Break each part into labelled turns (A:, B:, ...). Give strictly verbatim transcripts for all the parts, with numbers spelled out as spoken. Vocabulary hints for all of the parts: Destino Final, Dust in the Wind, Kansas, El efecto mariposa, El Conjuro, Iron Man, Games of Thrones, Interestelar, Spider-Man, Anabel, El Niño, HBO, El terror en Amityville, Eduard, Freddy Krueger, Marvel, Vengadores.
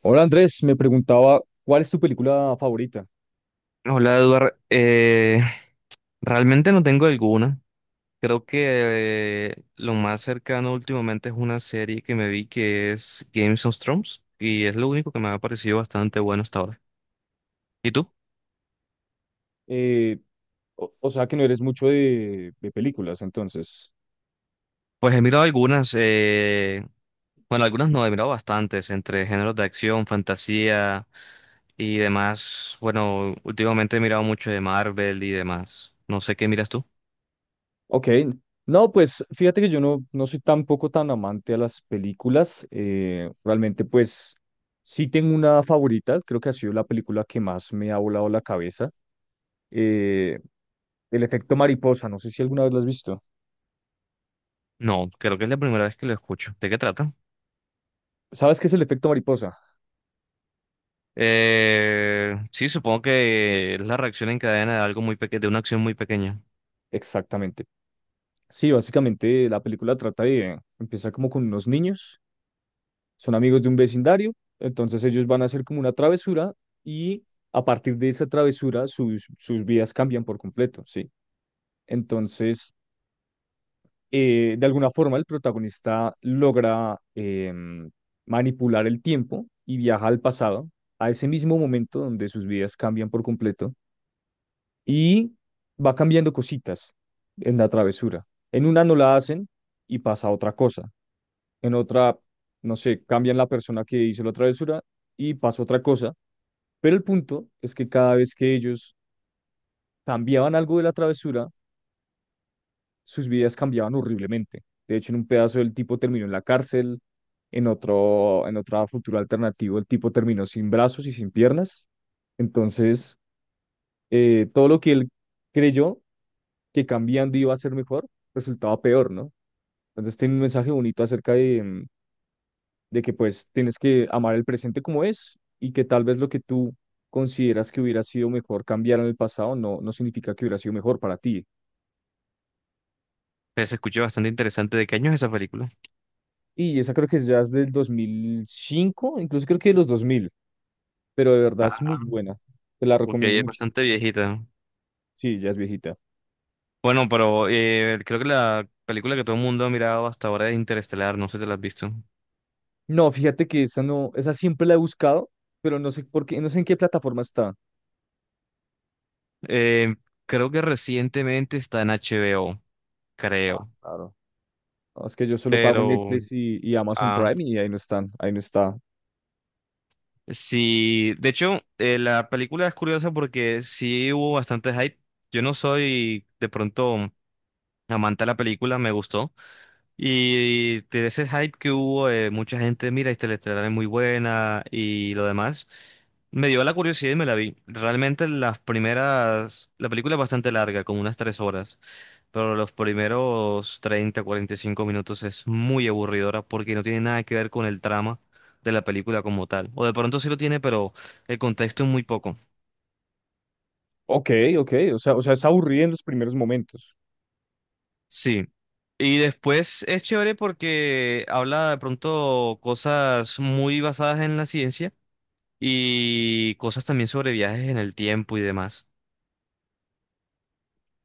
A: Hola, Andrés, me preguntaba cuál es tu película favorita.
B: Hola, Eduard. Eh, realmente no tengo alguna. Creo que eh, lo más cercano últimamente es una serie que me vi que es Games of Thrones y es lo único que me ha parecido bastante bueno hasta ahora. ¿Y tú?
A: Eh, o, o sea que no eres mucho de, de películas, entonces.
B: Pues he mirado algunas, eh, bueno, algunas no, he mirado bastantes, entre géneros de acción, fantasía y demás. Bueno, últimamente he mirado mucho de Marvel y demás. No sé qué miras tú.
A: Ok, no, pues fíjate que yo no, no soy tampoco tan amante a las películas. Eh, realmente pues sí tengo una favorita, creo que ha sido la película que más me ha volado la cabeza. eh, El efecto mariposa, no sé si alguna vez la has visto.
B: No, creo que es la primera vez que lo escucho. ¿De qué trata?
A: ¿Sabes qué es el efecto mariposa?
B: Eh, sí, supongo que es la reacción en cadena de algo muy pequeño, de una acción muy pequeña.
A: Exactamente. Sí, básicamente la película trata de, empieza como con unos niños. Son amigos de un vecindario, entonces ellos van a hacer como una travesura y a partir de esa travesura sus, sus vidas cambian por completo, ¿sí? Entonces, eh, de alguna forma el protagonista logra em, manipular el tiempo y viaja al pasado, a ese mismo momento donde sus vidas cambian por completo y va cambiando cositas en la travesura. En una no la hacen y pasa otra cosa. En otra, no sé, cambian la persona que hizo la travesura y pasa otra cosa. Pero el punto es que cada vez que ellos cambiaban algo de la travesura, sus vidas cambiaban horriblemente. De hecho, en un pedazo el tipo terminó en la cárcel, en otro, en otra futura alternativa el tipo terminó sin brazos y sin piernas. Entonces, eh, todo lo que él creyó que cambiando iba a ser mejor, resultaba peor, ¿no? Entonces tiene un mensaje bonito acerca de, mm, de que pues tienes que amar el presente como es y que tal vez lo que tú consideras que hubiera sido mejor cambiar en el pasado no, no significa que hubiera sido mejor para ti.
B: Pues se escuchó bastante interesante. ¿De qué año es esa película?
A: Y esa creo que es, ya es del dos mil cinco, incluso creo que de los dos mil, pero de verdad es muy buena. Te la recomiendo
B: Porque es
A: mucho.
B: bastante viejita.
A: Sí, ya es viejita.
B: Bueno, pero eh, creo que la película que todo el mundo ha mirado hasta ahora es Interestelar, no sé si te la has visto.
A: No, fíjate que esa no, esa siempre la he buscado, pero no sé por qué, no sé en qué plataforma está.
B: Eh, creo que recientemente está en H B O,
A: Ah,
B: creo.
A: claro. No, es que yo solo pago
B: Pero,
A: Netflix y, y Amazon
B: ah,
A: Prime y ahí no están, ahí no está.
B: sí, de hecho, eh, la película es curiosa porque sí hubo bastante hype. Yo no soy de pronto amante de la película, me gustó. Y de ese hype que hubo, eh, mucha gente, mira, Interestelar es muy buena y lo demás, me dio la curiosidad y me la vi. Realmente las primeras, la película es bastante larga, como unas tres horas, pero los primeros treinta cuarenta y cinco minutos es muy aburridora porque no tiene nada que ver con el trama de la película como tal. O de pronto sí lo tiene, pero el contexto es muy poco.
A: Ok, ok, o sea, o sea, es aburrida en los primeros momentos.
B: Sí. Y después es chévere porque habla de pronto cosas muy basadas en la ciencia y cosas también sobre viajes en el tiempo y demás.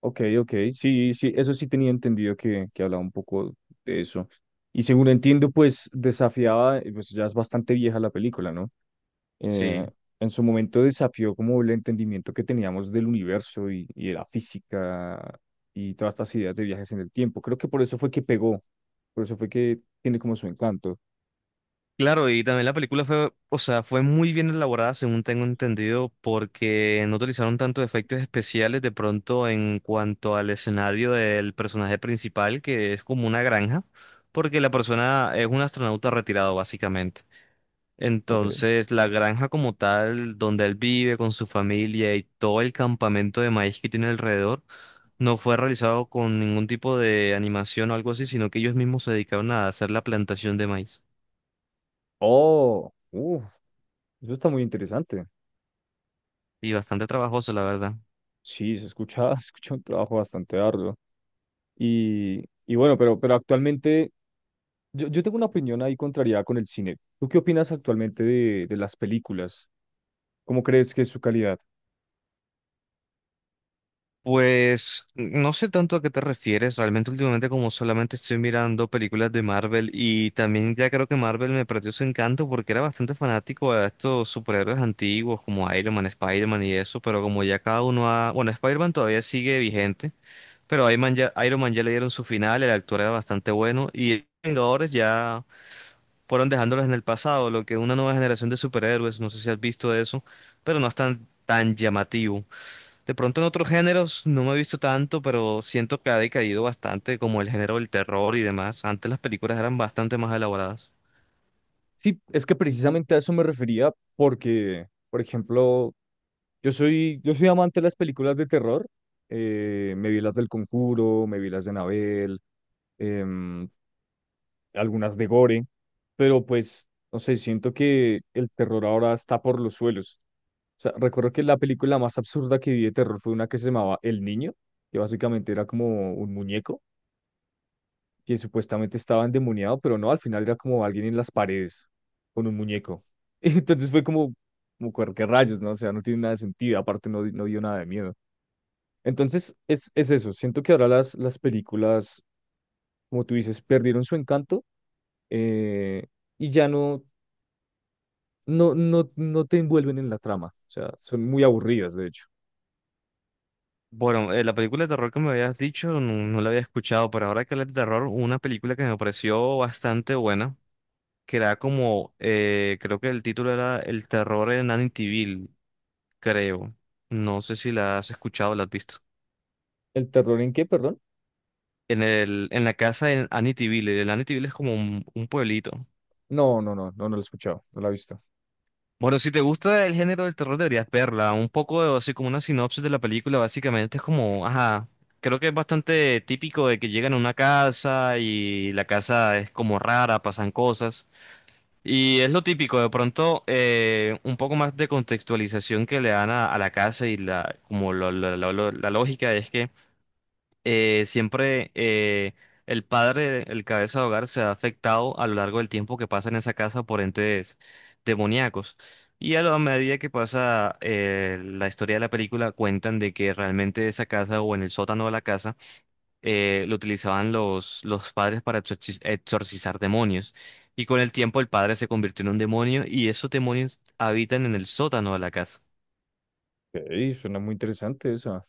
A: Ok, ok, sí, sí, eso sí tenía entendido que, que hablaba un poco de eso. Y según entiendo, pues desafiaba, eh, pues ya es bastante vieja la película, ¿no? Eh,
B: Sí.
A: en su momento desafió como el entendimiento que teníamos del universo y, y de la física y todas estas ideas de viajes en el tiempo. Creo que por eso fue que pegó, por eso fue que tiene como su encanto.
B: Claro, y también la película fue, o sea, fue muy bien elaborada, según tengo entendido, porque no utilizaron tanto efectos especiales de pronto en cuanto al escenario del personaje principal, que es como una granja, porque la persona es un astronauta retirado, básicamente.
A: Ok.
B: Entonces, la granja como tal, donde él vive con su familia y todo el campamento de maíz que tiene alrededor, no fue realizado con ningún tipo de animación o algo así, sino que ellos mismos se dedicaron a hacer la plantación de maíz.
A: Oh, uff, eso está muy interesante.
B: Y bastante trabajoso, la verdad.
A: Sí, se escucha, se escucha un trabajo bastante arduo. Y, y bueno, pero, pero actualmente Yo, yo tengo una opinión ahí contraria con el cine. ¿Tú qué opinas actualmente de, de las películas? ¿Cómo crees que es su calidad?
B: Pues no sé tanto a qué te refieres, realmente últimamente como solamente estoy mirando películas de Marvel y también ya creo que Marvel me perdió su encanto porque era bastante fanático a estos superhéroes antiguos como Iron Man, Spider-Man y eso, pero como ya cada uno ha... Bueno, Spider-Man todavía sigue vigente, pero Iron Man ya, Iron Man ya le dieron su final, el actor era bastante bueno y los Vengadores ya fueron dejándolos en el pasado, lo que una nueva generación de superhéroes, no sé si has visto eso, pero no es tan, tan llamativo. De pronto en otros géneros no me he visto tanto, pero siento que ha decaído bastante, como el género del terror y demás. Antes las películas eran bastante más elaboradas.
A: Sí, es que precisamente a eso me refería porque, por ejemplo, yo soy, yo soy amante de las películas de terror. Eh, me vi las del Conjuro, me vi las de Anabel, em, algunas de Gore, pero pues, no sé, siento que el terror ahora está por los suelos. O sea, recuerdo que la película más absurda que vi de terror fue una que se llamaba El Niño, que básicamente era como un muñeco que supuestamente estaba endemoniado, pero no, al final era como alguien en las paredes con un muñeco. Entonces fue como, como "Cuer- qué rayos", ¿no? O sea, no tiene nada de sentido, aparte no, di- no dio nada de miedo. Entonces es, es eso, siento que ahora las, las películas, como tú dices, perdieron su encanto, eh, y ya no, no, no, no te envuelven en la trama, o sea, son muy aburridas, de hecho.
B: Bueno, eh, la película de terror que me habías dicho no, no la había escuchado, pero ahora que hablas de terror, una película que me pareció bastante buena, que era como, eh, creo que el título era El terror en Amityville, creo. No sé si la has escuchado o la has visto.
A: ¿El terror en qué, perdón?
B: En el, en la casa en Amityville, el Amityville es como un un pueblito.
A: No, no, no, no, no, lo he escuchado, no la he visto.
B: Bueno, si te gusta el género del terror, deberías verla. Un poco de- así como una sinopsis de la película, básicamente es como, ajá, creo que es bastante típico de que llegan a una casa y la casa es como rara, pasan cosas. Y es lo típico, de pronto eh, un poco más de contextualización que le dan a, a la casa y la, como lo- lo- lo- lo- la lógica es que eh, siempre eh, el padre, el cabeza de hogar, se ha afectado a lo largo del tiempo que pasa en esa casa por entes demoníacos. Y a la medida que pasa eh, la historia de la película, cuentan de que realmente esa casa o en el sótano de la casa eh, lo utilizaban los, los padres para exorci- exorcizar demonios. Y con el tiempo el padre se convirtió en un demonio y esos demonios habitan en el sótano de la casa.
A: Ok, suena muy interesante esa.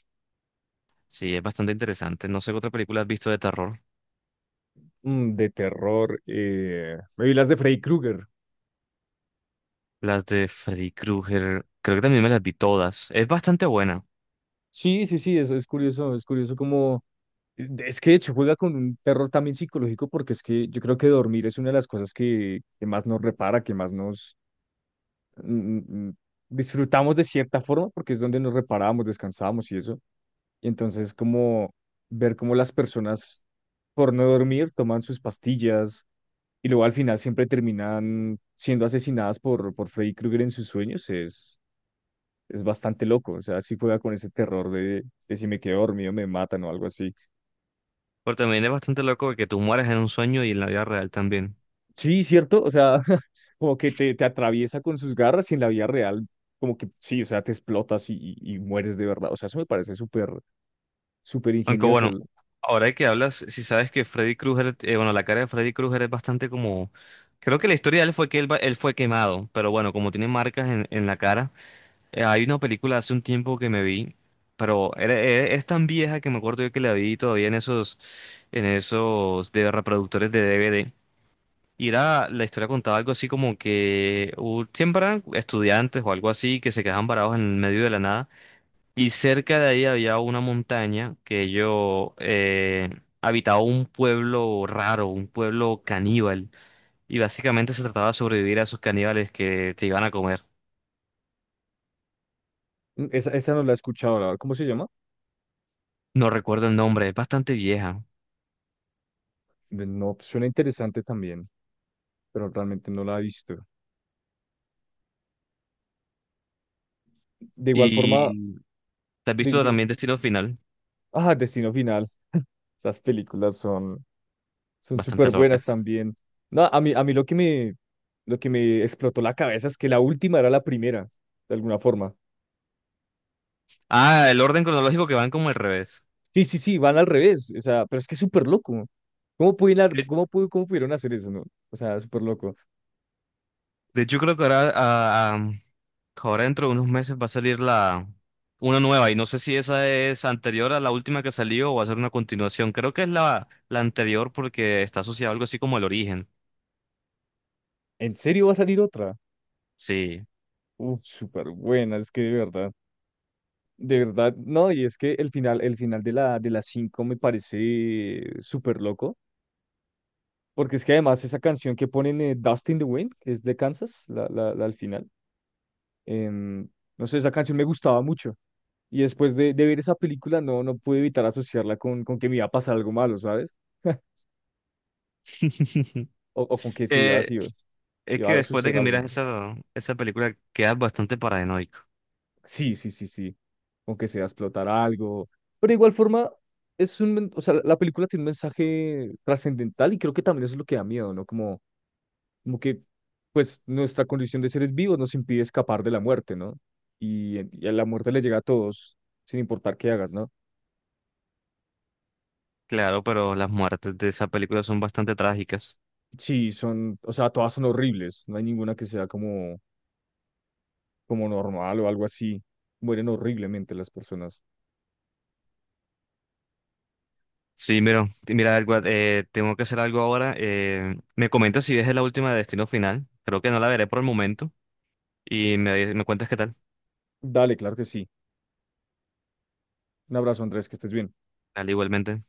B: Sí, es bastante interesante. No sé qué otra película has visto de terror.
A: Mm, de terror. eh, Me vi las de Freddy Krueger.
B: Las de Freddy Krueger, creo que también me las vi todas. Es bastante buena,
A: Sí, sí, sí, es, es curioso, es curioso como... Es que de hecho juega con un terror también psicológico porque es que yo creo que dormir es una de las cosas que, que más nos repara, que más nos, mm, mm, disfrutamos de cierta forma porque es donde nos reparábamos, descansábamos y eso. Y entonces como ver cómo las personas por no dormir toman sus pastillas y luego al final siempre terminan siendo asesinadas por, por Freddy Krueger en sus sueños es, es bastante loco. O sea, sí juega con ese terror de, de si me quedo dormido me matan o algo así.
B: pero también es bastante loco que tú mueras en un sueño y en la vida real también.
A: Sí, cierto. O sea, como que te, te atraviesa con sus garras y en la vida real. Como que sí, o sea, te explotas y, y y mueres de verdad. O sea, eso me parece súper, súper
B: Aunque
A: ingenioso.
B: bueno, ahora que hablas, si sabes que Freddy Krueger, eh, bueno, la cara de Freddy Krueger es bastante como... Creo que la historia de él fue que él, va- él fue quemado, pero bueno, como tiene marcas en, en la cara, eh, hay una película hace un tiempo que me vi, pero era- e- es tan vieja que me acuerdo yo que la vi todavía en esos, en esos de reproductores de D V D. Y era, la historia contaba algo así como que hu- siempre eran estudiantes o algo así que se quedaban varados en el medio de la nada. Y cerca de ahí había una montaña que ellos eh, habitaba un pueblo raro, un pueblo caníbal. Y básicamente se trataba de sobrevivir a esos caníbales que te iban a comer.
A: Mm, Esa, esa no la he escuchado, la verdad. ¿Cómo se llama?
B: No recuerdo el nombre, es bastante vieja.
A: Ve- No, suena interesante también, pero realmente no la he visto. De igual forma,
B: Y te has
A: de,
B: visto
A: de-
B: también Destino Final,
A: ah, Destino Final. Esas películas son, son
B: bastante
A: súper buenas
B: locas.
A: también. No, a mí, a mí lo que me, lo que me explotó la cabeza es que la última era la primera, de alguna forma.
B: Ah, el orden cronológico que van como al revés.
A: Sí, sí, sí, van al revés. O sea, pero es que es súper loco. ¿Cómo pudieron,
B: De,
A: cómo, pu- cómo pudieron hacer eso, no? O sea, súper loco.
B: de hecho, creo que ahora ah, ah, ahora dentro de unos meses va a salir la una nueva y no sé si esa es anterior a la última que salió o va a ser una continuación. Creo que es la, la anterior porque está asociada a algo así como el origen.
A: ¿En serio va a salir otra?
B: Sí.
A: Uf, súper buena, es que de verdad. De verdad, no, y es que el final, el final de la, de las cinco me parece súper loco, porque es que además esa canción que ponen, eh, Dust in the Wind, que es de Kansas, la, la, la al final, em, no sé, esa canción me gustaba mucho. Y después de, de ver esa película, no, no pude evitar asociarla con, con que me iba a pasar algo malo, ¿sabes? O, o con que se iba, a-
B: Eh,
A: se iba
B: es
A: iba
B: que
A: a
B: después de
A: suceder
B: que
A: algo.
B: miras esa, esa película quedas bastante paranoico.
A: Sí, sí, sí, sí. Aunque sea explotar algo. Pero de igual forma, es un, men- o sea, la película tiene un mensaje trascendental y creo que también eso es lo que da miedo, ¿no? Como, como que, pues, nuestra condición de seres vivos nos impide escapar de la muerte, ¿no? Y, y a la muerte le llega a todos, sin importar qué hagas, ¿no?
B: Claro, pero las muertes de esa película son bastante trágicas.
A: Sí, son, o sea, todas son horribles. No hay ninguna que sea como, como normal o algo así. Mueren horriblemente las personas.
B: Sí, mira, mira algo, eh, tengo que hacer algo ahora. Eh, me comentas si ves la última de Destino Final. Creo que no la veré por el momento y me, me cuentas qué tal.
A: Dale, claro que sí. Un abrazo, Andrés, que estés bien.
B: Al igualmente.